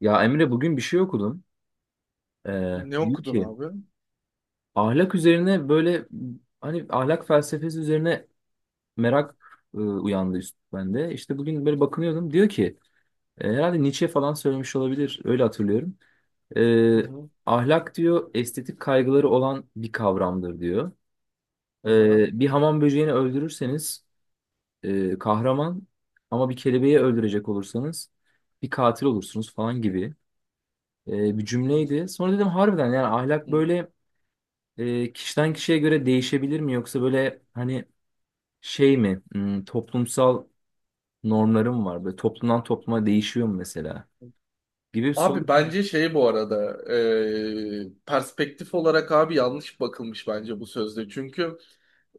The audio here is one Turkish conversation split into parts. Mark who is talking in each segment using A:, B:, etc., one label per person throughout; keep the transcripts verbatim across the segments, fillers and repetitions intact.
A: Ya Emre bugün bir şey okudum. Ee,
B: Ne
A: diyor
B: okudun
A: ki
B: abi?
A: ahlak üzerine böyle hani ahlak felsefesi üzerine merak e, uyandı üst bende. İşte bugün böyle bakınıyordum. Diyor ki e, herhalde Nietzsche falan söylemiş olabilir. Öyle hatırlıyorum.
B: Hı
A: Ee,
B: hı.
A: ahlak diyor estetik kaygıları olan bir kavramdır diyor.
B: Aha.
A: Ee, bir hamam böceğini öldürürseniz e, kahraman ama bir kelebeği öldürecek olursanız bir katil olursunuz falan gibi e, bir
B: Hı
A: cümleydi. Sonra dedim harbiden yani ahlak
B: hı.
A: böyle e, kişiden
B: hı.
A: kişiye göre değişebilir mi yoksa böyle hani şey mi hmm, toplumsal normlarım var böyle toplumdan topluma değişiyor mu mesela gibi bir soru
B: Abi
A: geldi.
B: bence şey bu arada, e, perspektif olarak abi yanlış bakılmış bence bu sözde. Çünkü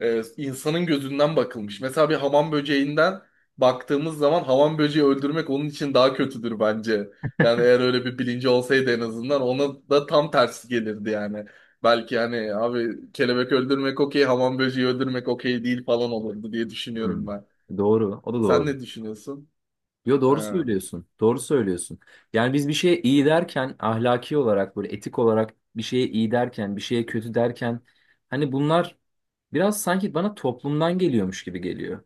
B: e, insanın gözünden bakılmış. Mesela bir hamam böceğinden baktığımız zaman hamam böceği öldürmek onun için daha kötüdür bence. Yani eğer öyle bir bilinci olsaydı en azından ona da tam tersi gelirdi yani. Belki yani abi kelebek öldürmek okey, hamam böceği öldürmek okey değil falan olurdu diye düşünüyorum
A: Hmm,
B: ben.
A: doğru o da
B: Sen
A: doğru.
B: ne düşünüyorsun?
A: Yo doğru
B: Ha.
A: söylüyorsun doğru söylüyorsun. Yani biz bir şeye iyi derken ahlaki olarak böyle etik olarak bir şeye iyi derken bir şeye kötü derken hani bunlar biraz sanki bana toplumdan geliyormuş gibi geliyor.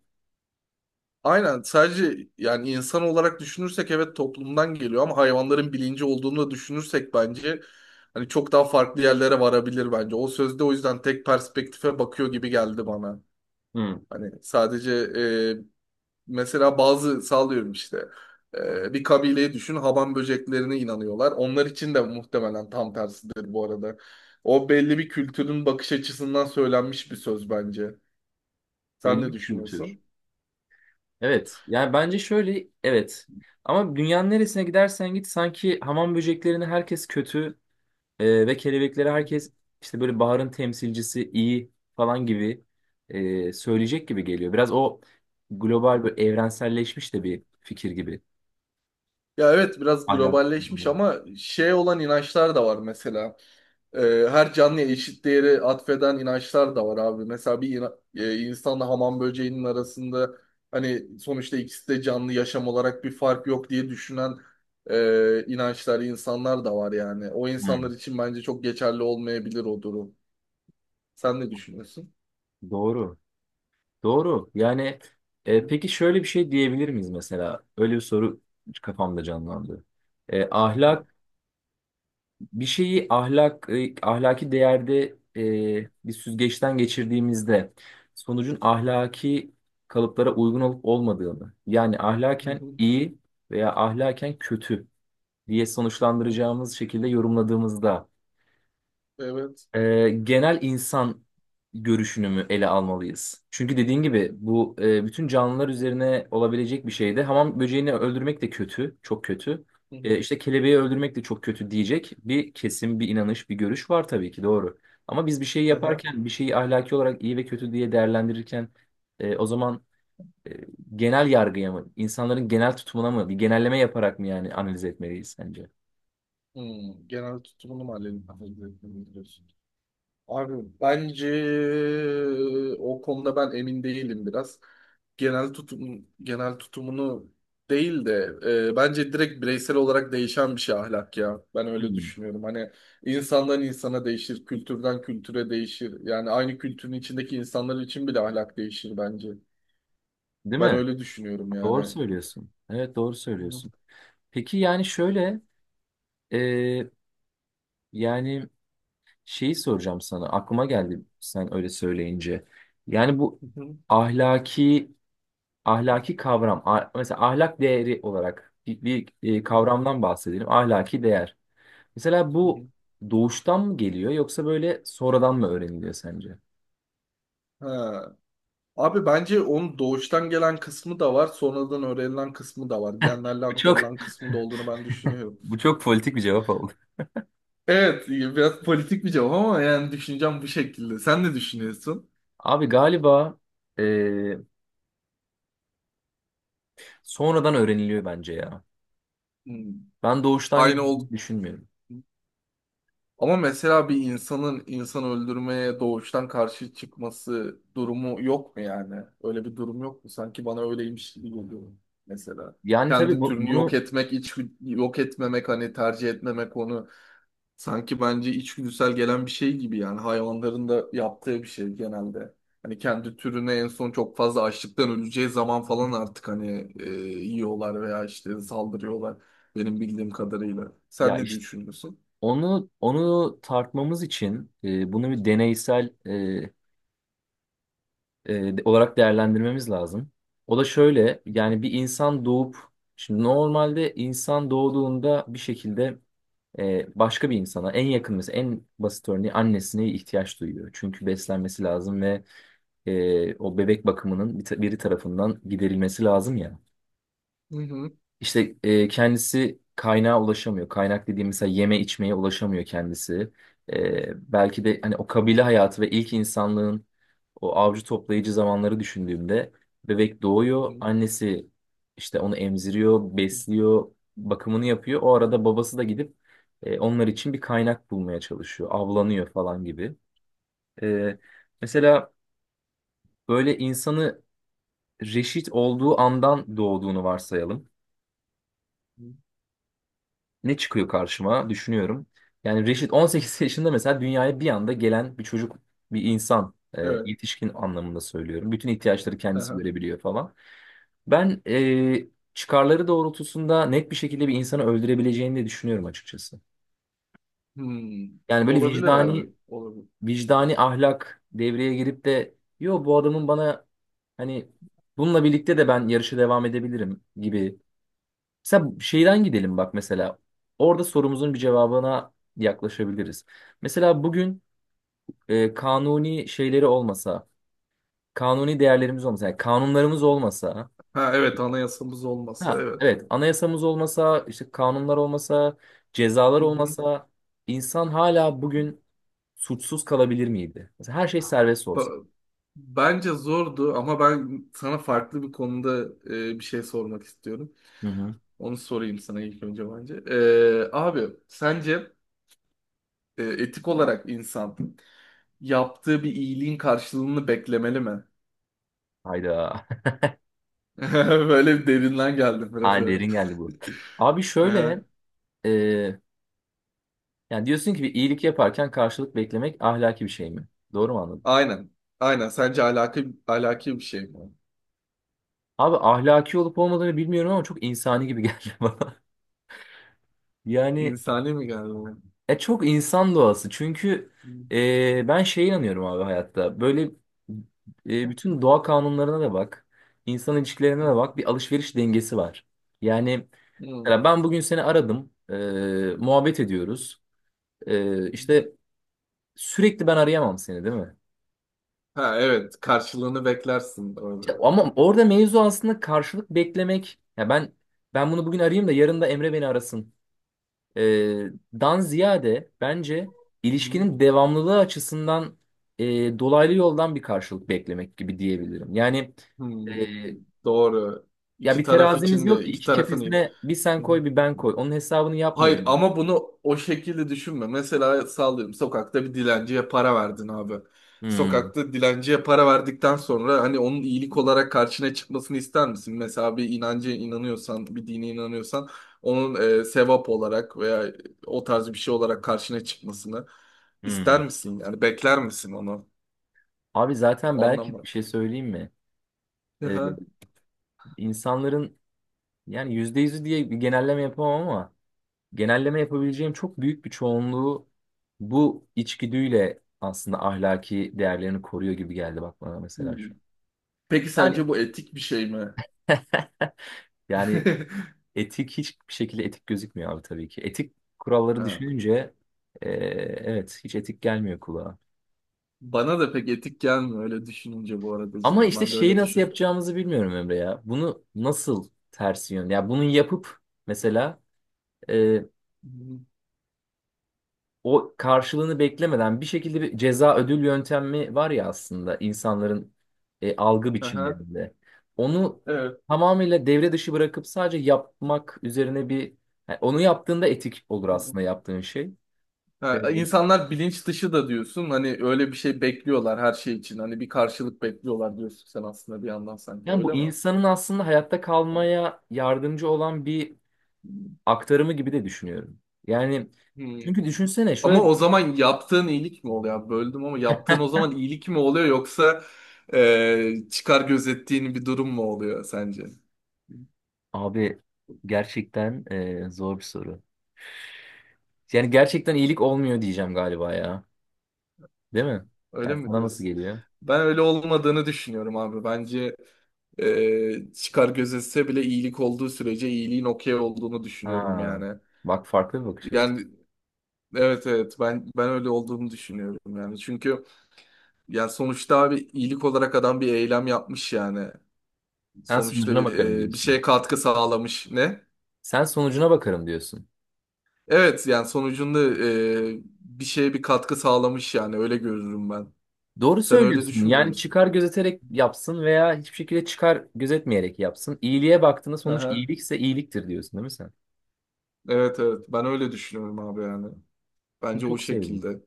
B: Aynen, sadece yani insan olarak düşünürsek evet toplumdan geliyor ama hayvanların bilinci olduğunu da düşünürsek bence hani çok daha farklı yerlere varabilir bence. O sözde o yüzden tek perspektife bakıyor gibi geldi bana.
A: Hmm,
B: Hani sadece e, mesela bazı sağlıyorum işte, e, bir kabileyi düşün, haban böceklerine inanıyorlar. Onlar için de muhtemelen tam tersidir bu arada. O belli bir kültürün bakış açısından söylenmiş bir söz bence. Sen
A: belli
B: ne
A: bir kültür.
B: düşünüyorsun?
A: Evet. Yani bence şöyle evet. Ama dünyanın neresine gidersen git sanki hamam böceklerini herkes kötü e, ve kelebekleri herkes işte böyle baharın temsilcisi iyi falan gibi e, söyleyecek gibi geliyor. Biraz o
B: Hı
A: global
B: hı.
A: böyle evrenselleşmiş de bir fikir gibi.
B: Ya evet, biraz
A: Ahlak.
B: globalleşmiş ama şey olan inançlar da var mesela. Ee, her canlıya eşit değeri atfeden inançlar da var abi. Mesela bir ina- e, insanla hamam böceğinin arasında hani sonuçta ikisi de canlı, yaşam olarak bir fark yok diye düşünen e, inançlar, insanlar da var yani. O
A: Hmm.
B: insanlar için bence çok geçerli olmayabilir o durum. Sen ne düşünüyorsun?
A: Doğru. Doğru. Yani e,
B: Hı
A: peki şöyle bir şey diyebilir miyiz mesela? Öyle bir soru kafamda canlandı. E,
B: hı. Aha.
A: ahlak bir şeyi ahlak e, ahlaki değerde e, bir süzgeçten geçirdiğimizde sonucun ahlaki kalıplara uygun olup olmadığını yani
B: Hı
A: ahlaken
B: hı.
A: iyi veya ahlaken kötü diye
B: Hı.
A: sonuçlandıracağımız şekilde yorumladığımızda
B: Evet.
A: e, genel insan görüşünü mü ele almalıyız? Çünkü dediğin gibi bu e, bütün canlılar üzerine olabilecek bir şey de. Hamam böceğini öldürmek de kötü, çok kötü.
B: Hı
A: E,
B: hı.
A: işte kelebeği öldürmek de çok kötü diyecek bir kesim, bir inanış, bir görüş var tabii ki doğru. Ama biz bir şeyi
B: Aha.
A: yaparken, bir şeyi ahlaki olarak iyi ve kötü diye değerlendirirken e, o zaman, e, genel yargıya mı, insanların genel tutumuna mı, bir genelleme yaparak mı yani analiz etmeliyiz sence?
B: Hmm, genel tutumunu mu halledin? Abi bence o konuda ben emin değilim biraz. Genel tutum genel tutumunu değil de, e, bence direkt bireysel olarak değişen bir şey ahlak ya. Ben öyle
A: Hmm.
B: düşünüyorum. Hani insandan insana değişir, kültürden kültüre değişir. Yani aynı kültürün içindeki insanlar için bile ahlak değişir bence.
A: Değil
B: Ben
A: mi?
B: öyle düşünüyorum yani.
A: Doğru
B: Hı
A: söylüyorsun. Evet doğru
B: hı.
A: söylüyorsun. Peki yani şöyle e, yani şeyi soracağım sana aklıma geldi sen öyle söyleyince. Yani bu ahlaki ahlaki kavram a- mesela ahlak değeri olarak bir, bir, e,
B: Hı hı.
A: kavramdan bahsedelim ahlaki değer. Mesela
B: Hı
A: bu
B: hı.
A: doğuştan mı geliyor yoksa böyle sonradan mı öğreniliyor sence?
B: Ha, abi bence onun doğuştan gelen kısmı da var, sonradan öğrenilen kısmı da var. Genlerle
A: Bu çok
B: aktarılan kısmı da olduğunu ben düşünüyorum.
A: bu çok politik bir cevap oldu.
B: Evet, biraz politik bir cevap ama yani düşüneceğim bu şekilde. Sen ne düşünüyorsun?
A: Abi galiba e, sonradan öğreniliyor bence ya.
B: Hmm,
A: Ben doğuştan
B: aynı ol.
A: geldiğini düşünmüyorum.
B: Ama mesela bir insanın insan öldürmeye doğuştan karşı çıkması durumu yok mu yani? Öyle bir durum yok mu? Sanki bana öyleymiş gibi geliyor mesela.
A: Yani tabii
B: Kendi
A: bu,
B: türünü yok
A: bunu.
B: etmek, hiç yok etmemek, hani tercih etmemek onu. Sanki bence içgüdüsel gelen bir şey gibi yani, hayvanların da yaptığı bir şey genelde. Hani kendi türüne en son çok fazla açlıktan öleceği zaman falan artık hani e, yiyorlar veya işte saldırıyorlar, benim bildiğim kadarıyla. Sen
A: Ya
B: ne
A: işte
B: düşünüyorsun?
A: onu onu tartmamız için e, bunu bir deneysel e, e, de- olarak değerlendirmemiz lazım. O da şöyle yani bir insan doğup şimdi normalde insan doğduğunda bir şekilde e, başka bir insana en yakın mesela en basit örneği annesine ihtiyaç duyuyor. Çünkü beslenmesi lazım ve e, o bebek bakımının bir ta- biri tarafından giderilmesi lazım ya.
B: Hı hı.
A: İşte e, kendisi kaynağa ulaşamıyor. Kaynak dediğim mesela yeme içmeye ulaşamıyor kendisi. E, belki de hani o kabile hayatı ve ilk insanlığın o avcı toplayıcı zamanları düşündüğümde bebek
B: Hı
A: doğuyor.
B: hı.
A: Annesi işte onu emziriyor,
B: Hı
A: besliyor, bakımını yapıyor. O
B: hı.
A: arada babası da gidip e, onlar için bir kaynak bulmaya çalışıyor. Avlanıyor falan gibi. E, mesela böyle insanı reşit olduğu andan doğduğunu varsayalım. Ne çıkıyor karşıma düşünüyorum. Yani Reşit on sekiz yaşında mesela dünyaya bir anda gelen bir çocuk, bir insan, e,
B: Evet.
A: yetişkin anlamında söylüyorum. Bütün ihtiyaçları
B: Hı
A: kendisi
B: hı.
A: görebiliyor falan. Ben e, çıkarları doğrultusunda net bir şekilde bir insanı öldürebileceğini de düşünüyorum açıkçası.
B: Hmm.
A: Yani böyle
B: Olabilir abi.
A: vicdani
B: Olabilir. Hı hı.
A: vicdani ahlak devreye girip de yo bu adamın bana hani bununla birlikte de ben yarışa devam edebilirim gibi. Mesela şeyden gidelim bak mesela. Orada sorumuzun bir cevabına yaklaşabiliriz. Mesela bugün e, kanuni şeyleri olmasa, kanuni değerlerimiz olmasa, yani kanunlarımız olmasa,
B: Ha evet, anayasamız olması,
A: ha
B: evet.
A: evet anayasamız olmasa, işte kanunlar olmasa, cezalar
B: Hı hı.
A: olmasa, insan hala bugün suçsuz kalabilir miydi? Mesela her şey serbest
B: Ba-
A: olsa.
B: Bence zordu ama ben sana farklı bir konuda e, bir şey sormak istiyorum.
A: Hı hı.
B: Onu sorayım sana ilk önce bence. Ee, abi sence e, etik olarak insan yaptığı bir iyiliğin karşılığını beklemeli mi?
A: Hayda.
B: Böyle bir derinden geldim biraz,
A: Ha
B: evet.
A: derin geldi bu. Abi
B: Aha,
A: şöyle, e, yani diyorsun ki bir iyilik yaparken karşılık beklemek ahlaki bir şey mi? Doğru mu anladım?
B: aynen. Aynen. Sence alaki, alaki bir şey mi?
A: Abi ahlaki olup olmadığını bilmiyorum ama çok insani gibi geldi bana. Yani
B: İnsani mi geldi bana?
A: e, çok insan doğası. Çünkü
B: Hmm.
A: e, ben şeye inanıyorum abi hayatta. Böyle e, bütün doğa kanunlarına da bak. İnsan ilişkilerine de bak. Bir alışveriş dengesi var. Yani mesela ben bugün seni aradım. E, muhabbet ediyoruz. E, işte sürekli ben arayamam seni değil mi?
B: Ha evet. Karşılığını beklersin. Doğru.
A: İşte, ama orada mevzu aslında karşılık beklemek. Ya ben ben bunu bugün arayayım da yarın da Emre beni arasın. e, Dan ziyade bence ilişkinin devamlılığı açısından e, dolaylı yoldan bir karşılık beklemek gibi diyebilirim. Yani e,
B: Hmm, doğru.
A: ya
B: İki
A: bir
B: taraf
A: terazimiz
B: için
A: yok
B: de,
A: ki
B: iki
A: iki
B: tarafın iyi.
A: kefesine bir sen koy bir ben koy. Onun hesabını
B: Hayır
A: yapmıyorum abi.
B: ama bunu o şekilde düşünme. Mesela sallıyorum, sokakta bir dilenciye para verdin abi.
A: Hmm,
B: Sokakta dilenciye para verdikten sonra hani onun iyilik olarak karşına çıkmasını ister misin? Mesela bir inancı inanıyorsan, bir dine inanıyorsan onun e, sevap olarak veya o tarz bir şey olarak karşına çıkmasını
A: hmm.
B: ister misin? Yani bekler misin onu?
A: Abi zaten belki bir
B: Anlamadım.
A: şey söyleyeyim mi?
B: Hı
A: E,
B: hı.
A: insanların yani yüzde yüzü diye bir genelleme yapamam ama genelleme yapabileceğim çok büyük bir çoğunluğu bu içgüdüyle aslında ahlaki değerlerini koruyor gibi geldi bak bana mesela şu an.
B: Peki
A: Yani
B: sence bu etik bir şey mi?
A: yani etik hiçbir şekilde etik gözükmüyor abi tabii ki. Etik kuralları
B: Ha.
A: düşününce e, evet hiç etik gelmiyor kulağa.
B: Bana da pek etik gelmiyor öyle düşününce bu arada,
A: Ama
B: cidden.
A: işte
B: Ben de
A: şeyi
B: öyle
A: nasıl
B: düşün.
A: yapacağımızı bilmiyorum Emre ya. Bunu nasıl tersi yön? Ya bunu yapıp mesela e, o karşılığını beklemeden bir şekilde bir ceza ödül yöntemi var ya aslında insanların e, algı
B: Hı hı.
A: biçimlerinde. Onu
B: Evet.
A: tamamıyla devre dışı bırakıp sadece yapmak üzerine bir yani onu yaptığında etik olur
B: Hı hı.
A: aslında yaptığın şey. Evet.
B: Ha, insanlar bilinç dışı da diyorsun. Hani öyle bir şey bekliyorlar her şey için. Hani bir karşılık bekliyorlar diyorsun sen aslında bir yandan, sanki
A: Yani bu
B: öyle mi?
A: insanın aslında hayatta kalmaya yardımcı olan bir aktarımı gibi de düşünüyorum. Yani
B: Hı.
A: çünkü düşünsene
B: Ama
A: şöyle
B: o zaman yaptığın iyilik mi oluyor abi? Böldüm ama, yaptığın o zaman iyilik mi oluyor yoksa e, çıkar gözettiğin bir durum mu oluyor sence?
A: abi gerçekten e, zor bir soru. Yani gerçekten iyilik olmuyor diyeceğim galiba ya. Değil mi?
B: Öyle
A: Yani
B: mi
A: sana nasıl
B: diyorsun?
A: geliyor?
B: Ben öyle olmadığını düşünüyorum abi. Bence e, çıkar gözetse bile iyilik olduğu sürece iyiliğin okey olduğunu düşünüyorum
A: Ha,
B: yani.
A: bak farklı bir bakış açısı.
B: Yani evet evet, ben ben öyle olduğunu düşünüyorum yani. Çünkü, yani sonuçta abi iyilik olarak adam bir eylem yapmış yani.
A: Sen
B: Sonuçta
A: sonucuna
B: bir,
A: bakarım
B: e, bir
A: diyorsun.
B: şeye katkı sağlamış. Ne?
A: Sen sonucuna bakarım diyorsun.
B: Evet yani sonucunda e, bir şeye bir katkı sağlamış yani, öyle görürüm ben.
A: Doğru
B: Sen öyle
A: söylüyorsun.
B: düşünmüyor
A: Yani
B: musun?
A: çıkar gözeterek yapsın veya hiçbir şekilde çıkar gözetmeyerek yapsın. İyiliğe baktığında sonuç
B: Aha.
A: iyilikse iyiliktir diyorsun değil mi sen?
B: Evet evet, ben öyle düşünüyorum abi yani.
A: Bunu
B: Bence o
A: çok sevdim.
B: şekilde.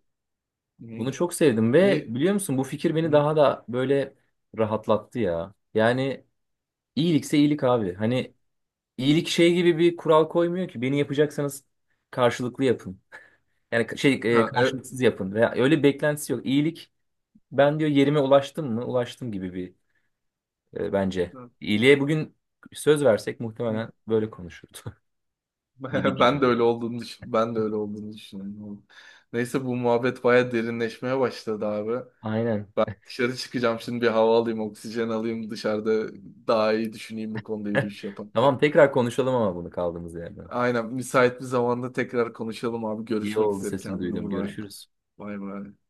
B: Hı.
A: Bunu çok sevdim ve
B: Ne?
A: biliyor musun bu fikir beni
B: Hı.
A: daha da böyle rahatlattı ya. Yani iyilikse iyilik abi. Hani iyilik şey gibi bir kural koymuyor ki beni yapacaksanız karşılıklı yapın. Yani ka- şey e,
B: Ha, e-
A: karşılıksız yapın veya öyle bir beklentisi yok. İyilik ben diyor yerime ulaştım mı? Ulaştım gibi bir e, bence.
B: hı.
A: İyiliğe bugün söz versek muhtemelen böyle konuşurdu gibi
B: Ben de
A: geliyor.
B: öyle olduğunu düşün- ben de öyle olduğunu düşünüyorum. Neyse, bu muhabbet baya derinleşmeye başladı abi.
A: Aynen.
B: Ben dışarı çıkacağım şimdi, bir hava alayım, oksijen alayım, dışarıda daha iyi düşüneyim bu konuda yürüyüş yaparken.
A: Tamam tekrar konuşalım ama bunu kaldığımız yerden.
B: Aynen, müsait bir zamanda tekrar konuşalım abi.
A: İyi
B: Görüşmek
A: oldu
B: üzere,
A: sesini
B: kendine
A: duydum.
B: iyi bak.
A: Görüşürüz.
B: Bay bay.